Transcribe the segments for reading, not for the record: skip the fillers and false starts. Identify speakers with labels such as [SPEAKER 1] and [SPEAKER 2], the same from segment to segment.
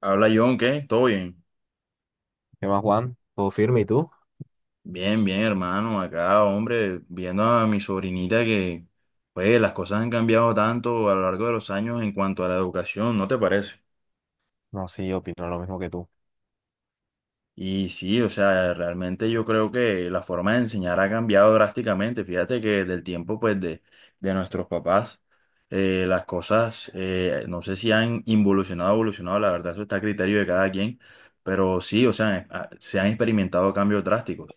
[SPEAKER 1] Habla John, ¿qué? ¿Todo bien?
[SPEAKER 2] ¿Qué más, Juan? ¿Todo firme y tú?
[SPEAKER 1] Bien, bien, hermano. Acá, hombre, viendo a mi sobrinita que, pues, las cosas han cambiado tanto a lo largo de los años en cuanto a la educación, ¿no te parece?
[SPEAKER 2] No, sí, yo opino lo mismo que tú.
[SPEAKER 1] Y sí, o sea, realmente yo creo que la forma de enseñar ha cambiado drásticamente. Fíjate que del tiempo, pues, de nuestros papás, las cosas, no sé si han involucionado evolucionado, la verdad, eso está a criterio de cada quien, pero sí, o sea, se han experimentado cambios drásticos.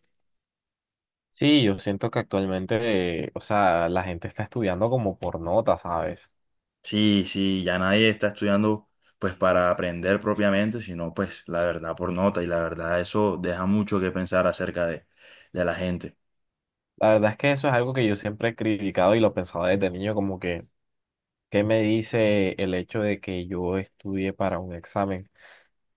[SPEAKER 2] Sí, yo siento que actualmente, o sea, la gente está estudiando como por nota, ¿sabes?
[SPEAKER 1] Sí, sí, ya nadie está estudiando pues para aprender propiamente, sino pues la verdad por nota y la verdad eso deja mucho que pensar acerca de la gente.
[SPEAKER 2] La verdad es que eso es algo que yo siempre he criticado y lo pensaba desde niño, como que, ¿qué me dice el hecho de que yo estudie para un examen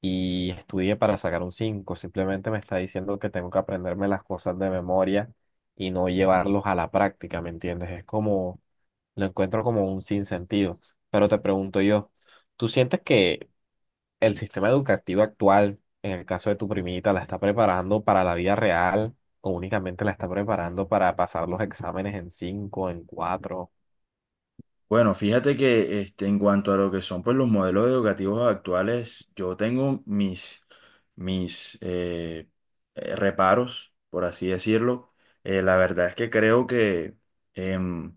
[SPEAKER 2] y estudie para sacar un 5? Simplemente me está diciendo que tengo que aprenderme las cosas de memoria y no llevarlos a la práctica, ¿me entiendes? Es como, lo encuentro como un sinsentido. Pero te pregunto yo. ¿Tú sientes que el sistema educativo actual, en el caso de tu primita, la está preparando para la vida real o únicamente la está preparando para pasar los exámenes en cinco, en cuatro?
[SPEAKER 1] Bueno, fíjate que este, en cuanto a lo que son pues los modelos educativos actuales, yo tengo mis reparos, por así decirlo. La verdad es que creo que... em,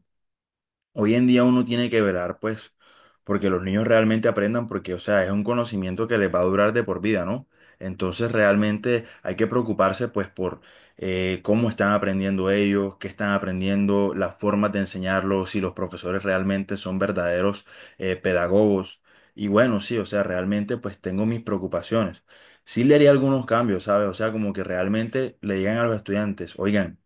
[SPEAKER 1] hoy en día uno tiene que velar, pues, porque los niños realmente aprendan, porque, o sea, es un conocimiento que les va a durar de por vida, ¿no? Entonces, realmente hay que preocuparse, pues, por cómo están aprendiendo ellos, qué están aprendiendo, las formas de enseñarlos, si los profesores realmente son verdaderos pedagogos. Y bueno, sí, o sea, realmente, pues, tengo mis preocupaciones. Sí le haría algunos cambios, ¿sabes? O sea, como que realmente le digan a los estudiantes, oigan,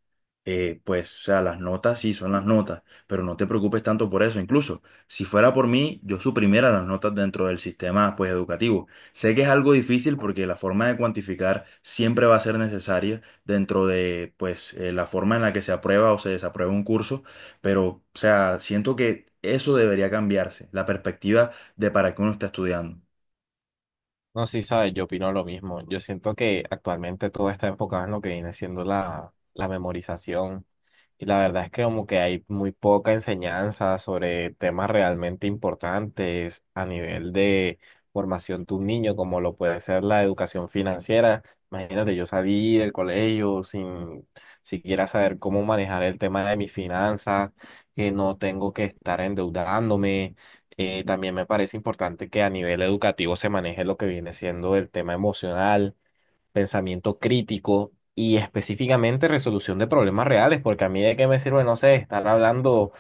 [SPEAKER 1] pues, o sea, las notas sí son las notas pero no te preocupes tanto por eso. Incluso, si fuera por mí, yo suprimiera las notas dentro del sistema, pues, educativo. Sé que es algo difícil porque la forma de cuantificar siempre va a ser necesaria dentro de, pues, la forma en la que se aprueba o se desaprueba un curso, pero, o sea, siento que eso debería cambiarse, la perspectiva de para qué uno está estudiando.
[SPEAKER 2] No, sí, sabes, yo opino lo mismo. Yo siento que actualmente todo está enfocado en lo que viene siendo la memorización. Y la verdad es que como que hay muy poca enseñanza sobre temas realmente importantes a nivel de formación de un niño, como lo puede ser la educación financiera. Imagínate, yo salí del colegio sin siquiera saber cómo manejar el tema de mis finanzas, que no tengo que estar endeudándome. También me parece importante que a nivel educativo se maneje lo que viene siendo el tema emocional, pensamiento crítico y específicamente resolución de problemas reales, porque a mí de qué me sirve, no sé, estar hablando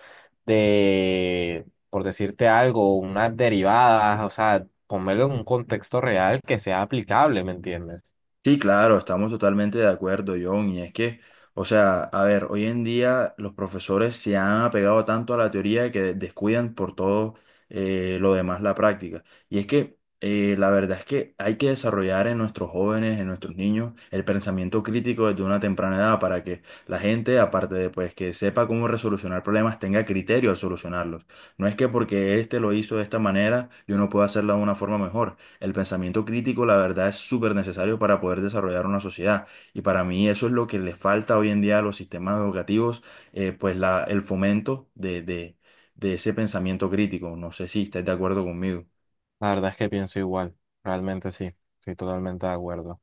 [SPEAKER 2] de, por decirte algo, unas derivadas, o sea, ponerlo en un contexto real que sea aplicable, ¿me entiendes?
[SPEAKER 1] Sí, claro, estamos totalmente de acuerdo, John. Y es que, o sea, a ver, hoy en día los profesores se han apegado tanto a la teoría que descuidan por todo lo demás la práctica. Y es que la verdad es que hay que desarrollar en nuestros jóvenes, en nuestros niños, el pensamiento crítico desde una temprana edad para que la gente, aparte de pues que sepa cómo resolucionar problemas, tenga criterio al solucionarlos. No es que porque este lo hizo de esta manera, yo no puedo hacerlo de una forma mejor. El pensamiento crítico, la verdad, es súper necesario para poder desarrollar una sociedad. Y para mí eso es lo que le falta hoy en día a los sistemas educativos, pues la, el fomento de ese pensamiento crítico. No sé si estás de acuerdo conmigo.
[SPEAKER 2] La verdad es que pienso igual, realmente sí, estoy totalmente de acuerdo.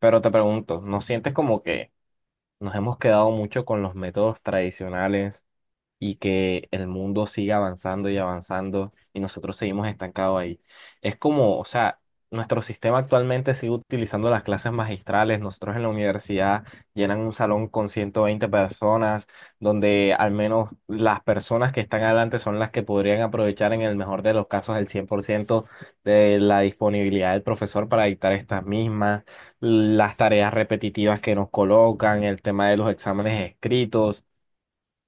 [SPEAKER 2] Pero te pregunto, ¿no sientes como que nos hemos quedado mucho con los métodos tradicionales y que el mundo siga avanzando y avanzando y nosotros seguimos estancados ahí? Es como, o sea, nuestro sistema actualmente sigue utilizando las clases magistrales, nosotros en la universidad llenan un salón con 120 personas, donde al menos las personas que están adelante son las que podrían aprovechar en el mejor de los casos el 100% de la disponibilidad del profesor para dictar estas mismas, las tareas repetitivas que nos colocan, el tema de los exámenes escritos.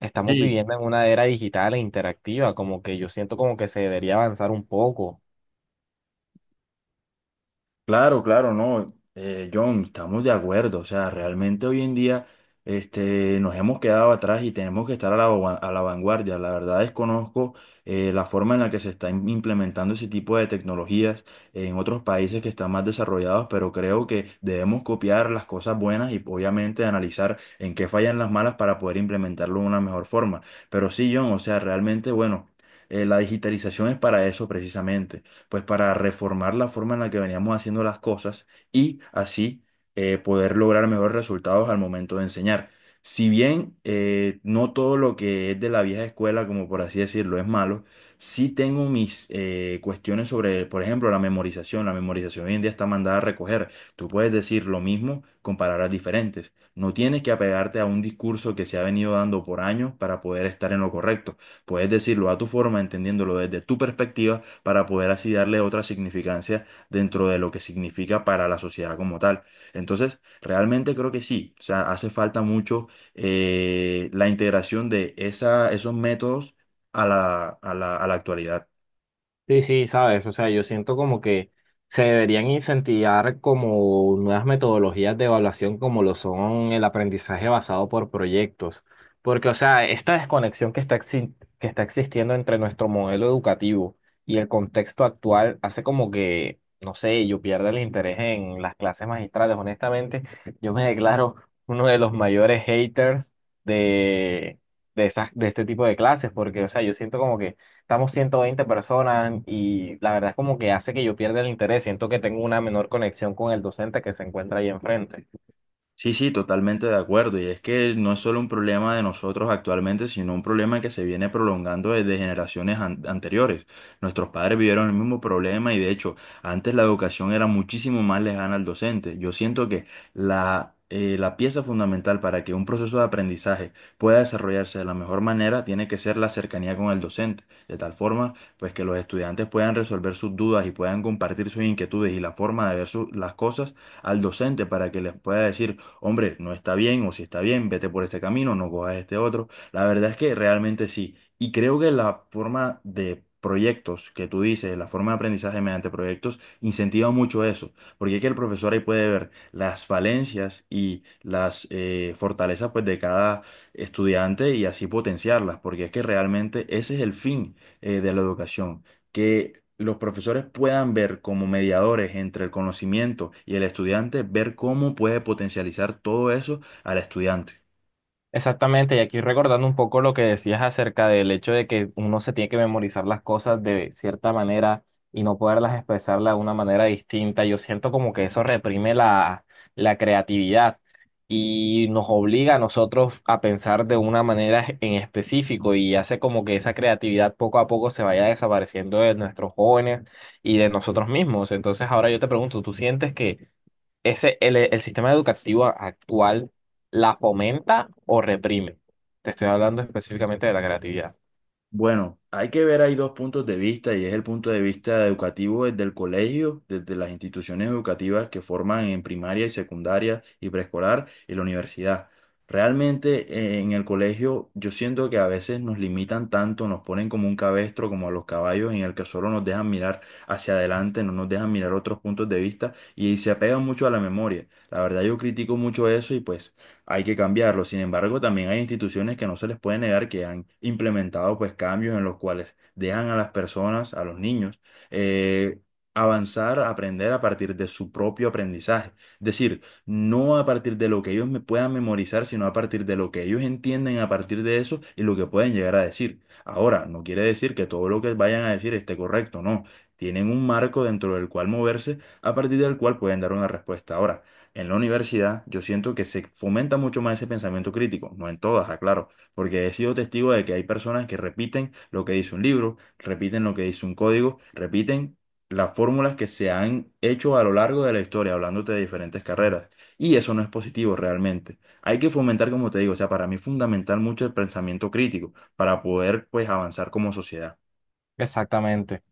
[SPEAKER 2] Estamos
[SPEAKER 1] Sí,
[SPEAKER 2] viviendo en una era digital e interactiva, como que yo siento como que se debería avanzar un poco.
[SPEAKER 1] claro, claro, no, John, estamos de acuerdo, o sea, realmente hoy en día este, nos hemos quedado atrás y tenemos que estar a la, a la vanguardia. La verdad desconozco la forma en la que se está implementando ese tipo de tecnologías en otros países que están más desarrollados, pero creo que debemos copiar las cosas buenas y obviamente analizar en qué fallan las malas para poder implementarlo de una mejor forma. Pero sí, John, o sea, realmente, bueno, la digitalización es para eso precisamente pues para reformar la forma en la que veníamos haciendo las cosas y así poder lograr mejores resultados al momento de enseñar. Si bien no todo lo que es de la vieja escuela, como por así decirlo, es malo, sí tengo mis cuestiones sobre, por ejemplo, la memorización. La memorización hoy en día está mandada a recoger. Tú puedes decir lo mismo con palabras diferentes. No tienes que apegarte a un discurso que se ha venido dando por años para poder estar en lo correcto. Puedes decirlo a tu forma, entendiéndolo desde tu perspectiva para poder así darle otra significancia dentro de lo que significa para la sociedad como tal. Entonces, realmente creo que sí, o sea, hace falta mucho la integración de esa, esos métodos a la actualidad.
[SPEAKER 2] Sí, sí, sabes, o sea, yo siento como que se deberían incentivar como nuevas metodologías de evaluación como lo son el aprendizaje basado por proyectos, porque, o sea, esta desconexión que está, que está existiendo entre nuestro modelo educativo y el contexto actual hace como que, no sé, yo pierda el interés en las clases magistrales. Honestamente, yo me declaro uno de los mayores haters de, esas, de este tipo de clases, porque, o sea, yo siento como que estamos 120 personas y la verdad es como que hace que yo pierda el interés, siento que tengo una menor conexión con el docente que se encuentra ahí enfrente.
[SPEAKER 1] Sí, sí, totalmente de acuerdo. Y es que no es solo un problema de nosotros actualmente, sino un problema que se viene prolongando desde generaciones anteriores. Nuestros padres vivieron el mismo problema y de hecho, antes la educación era muchísimo más lejana al docente. Yo siento que la, la pieza fundamental para que un proceso de aprendizaje pueda desarrollarse de la mejor manera tiene que ser la cercanía con el docente, de tal forma pues que los estudiantes puedan resolver sus dudas y puedan compartir sus inquietudes y la forma de ver las cosas al docente para que les pueda decir hombre, no está bien o si está bien, vete por este camino, no cojas este otro. La verdad es que realmente sí. Y creo que la forma de proyectos que tú dices, la forma de aprendizaje mediante proyectos, incentiva mucho eso, porque es que el profesor ahí puede ver las falencias y las fortalezas pues, de cada estudiante y así potenciarlas, porque es que realmente ese es el fin de la educación que los profesores puedan ver como mediadores entre el conocimiento y el estudiante, ver cómo puede potencializar todo eso al estudiante.
[SPEAKER 2] Exactamente, y aquí recordando un poco lo que decías acerca del hecho de que uno se tiene que memorizar las cosas de cierta manera y no poderlas expresarlas de una manera distinta, yo siento como que eso reprime la creatividad y nos obliga a nosotros a pensar de una manera en específico y hace como que esa creatividad poco a poco se vaya desapareciendo de nuestros jóvenes y de nosotros mismos. Entonces ahora yo te pregunto, ¿tú sientes que el sistema educativo actual la fomenta o reprime? Te estoy hablando específicamente de la creatividad.
[SPEAKER 1] Bueno, hay que ver hay dos puntos de vista y es el punto de vista educativo desde el colegio, desde las instituciones educativas que forman en primaria y secundaria y preescolar y la universidad. Realmente en el colegio yo siento que a veces nos limitan tanto, nos ponen como un cabestro, como a los caballos, en el que solo nos dejan mirar hacia adelante, no nos dejan mirar otros puntos de vista y se apegan mucho a la memoria. La verdad yo critico mucho eso y pues hay que cambiarlo. Sin embargo, también hay instituciones que no se les puede negar que han implementado pues cambios en los cuales dejan a las personas, a los niños, eh, avanzar, aprender a partir de su propio aprendizaje. Es decir, no a partir de lo que ellos me puedan memorizar, sino a partir de lo que ellos entienden a partir de eso y lo que pueden llegar a decir. Ahora, no quiere decir que todo lo que vayan a decir esté correcto, no. Tienen un marco dentro del cual moverse, a partir del cual pueden dar una respuesta. Ahora, en la universidad yo siento que se fomenta mucho más ese pensamiento crítico, no en todas, aclaro, porque he sido testigo de que hay personas que repiten lo que dice un libro, repiten lo que dice un código, repiten las fórmulas que se han hecho a lo largo de la historia, hablándote de diferentes carreras. Y eso no es positivo realmente. Hay que fomentar, como te digo, o sea, para mí es fundamental mucho el pensamiento crítico para poder, pues, avanzar como sociedad.
[SPEAKER 2] Exactamente.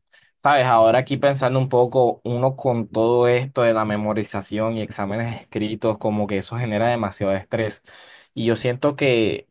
[SPEAKER 2] Sabes, ahora aquí pensando un poco, uno con todo esto de la memorización y exámenes escritos, como que eso genera demasiado estrés. Y yo siento que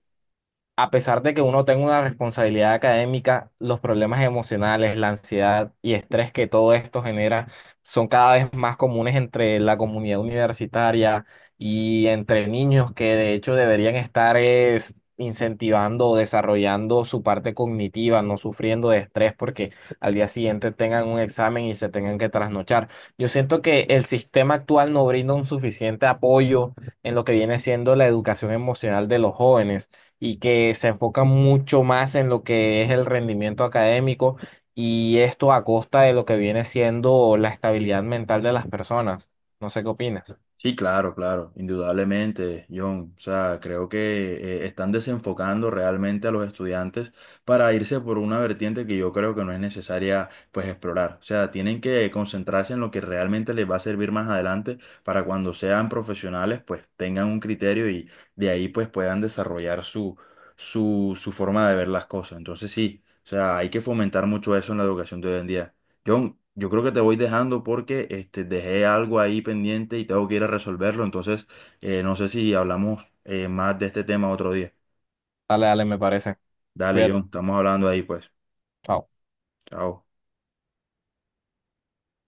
[SPEAKER 2] a pesar de que uno tenga una responsabilidad académica, los problemas emocionales, la ansiedad y estrés que todo esto genera son cada vez más comunes entre la comunidad universitaria y entre niños que de hecho deberían estar es, incentivando o desarrollando su parte cognitiva, no sufriendo de estrés porque al día siguiente tengan un examen y se tengan que trasnochar. Yo siento que el sistema actual no brinda un suficiente apoyo en lo que viene siendo la educación emocional de los jóvenes y que se enfoca mucho más en lo que es el rendimiento académico y esto a costa de lo que viene siendo la estabilidad mental de las personas. No sé qué opinas.
[SPEAKER 1] Sí, claro, claro, indudablemente, John. O sea, creo que están desenfocando realmente a los estudiantes para irse por una vertiente que yo creo que no es necesaria, pues, explorar. O sea, tienen que concentrarse en lo que realmente les va a servir más adelante para cuando sean profesionales, pues, tengan un criterio y de ahí, pues, puedan desarrollar su forma de ver las cosas. Entonces, sí, o sea, hay que fomentar mucho eso en la educación de hoy en día. John, yo creo que te voy dejando porque este, dejé algo ahí pendiente y tengo que ir a resolverlo. Entonces, no sé si hablamos más de este tema otro día.
[SPEAKER 2] Dale, dale, me parece.
[SPEAKER 1] Dale, John,
[SPEAKER 2] Cuídate.
[SPEAKER 1] estamos hablando ahí, pues.
[SPEAKER 2] Chao.
[SPEAKER 1] Chao.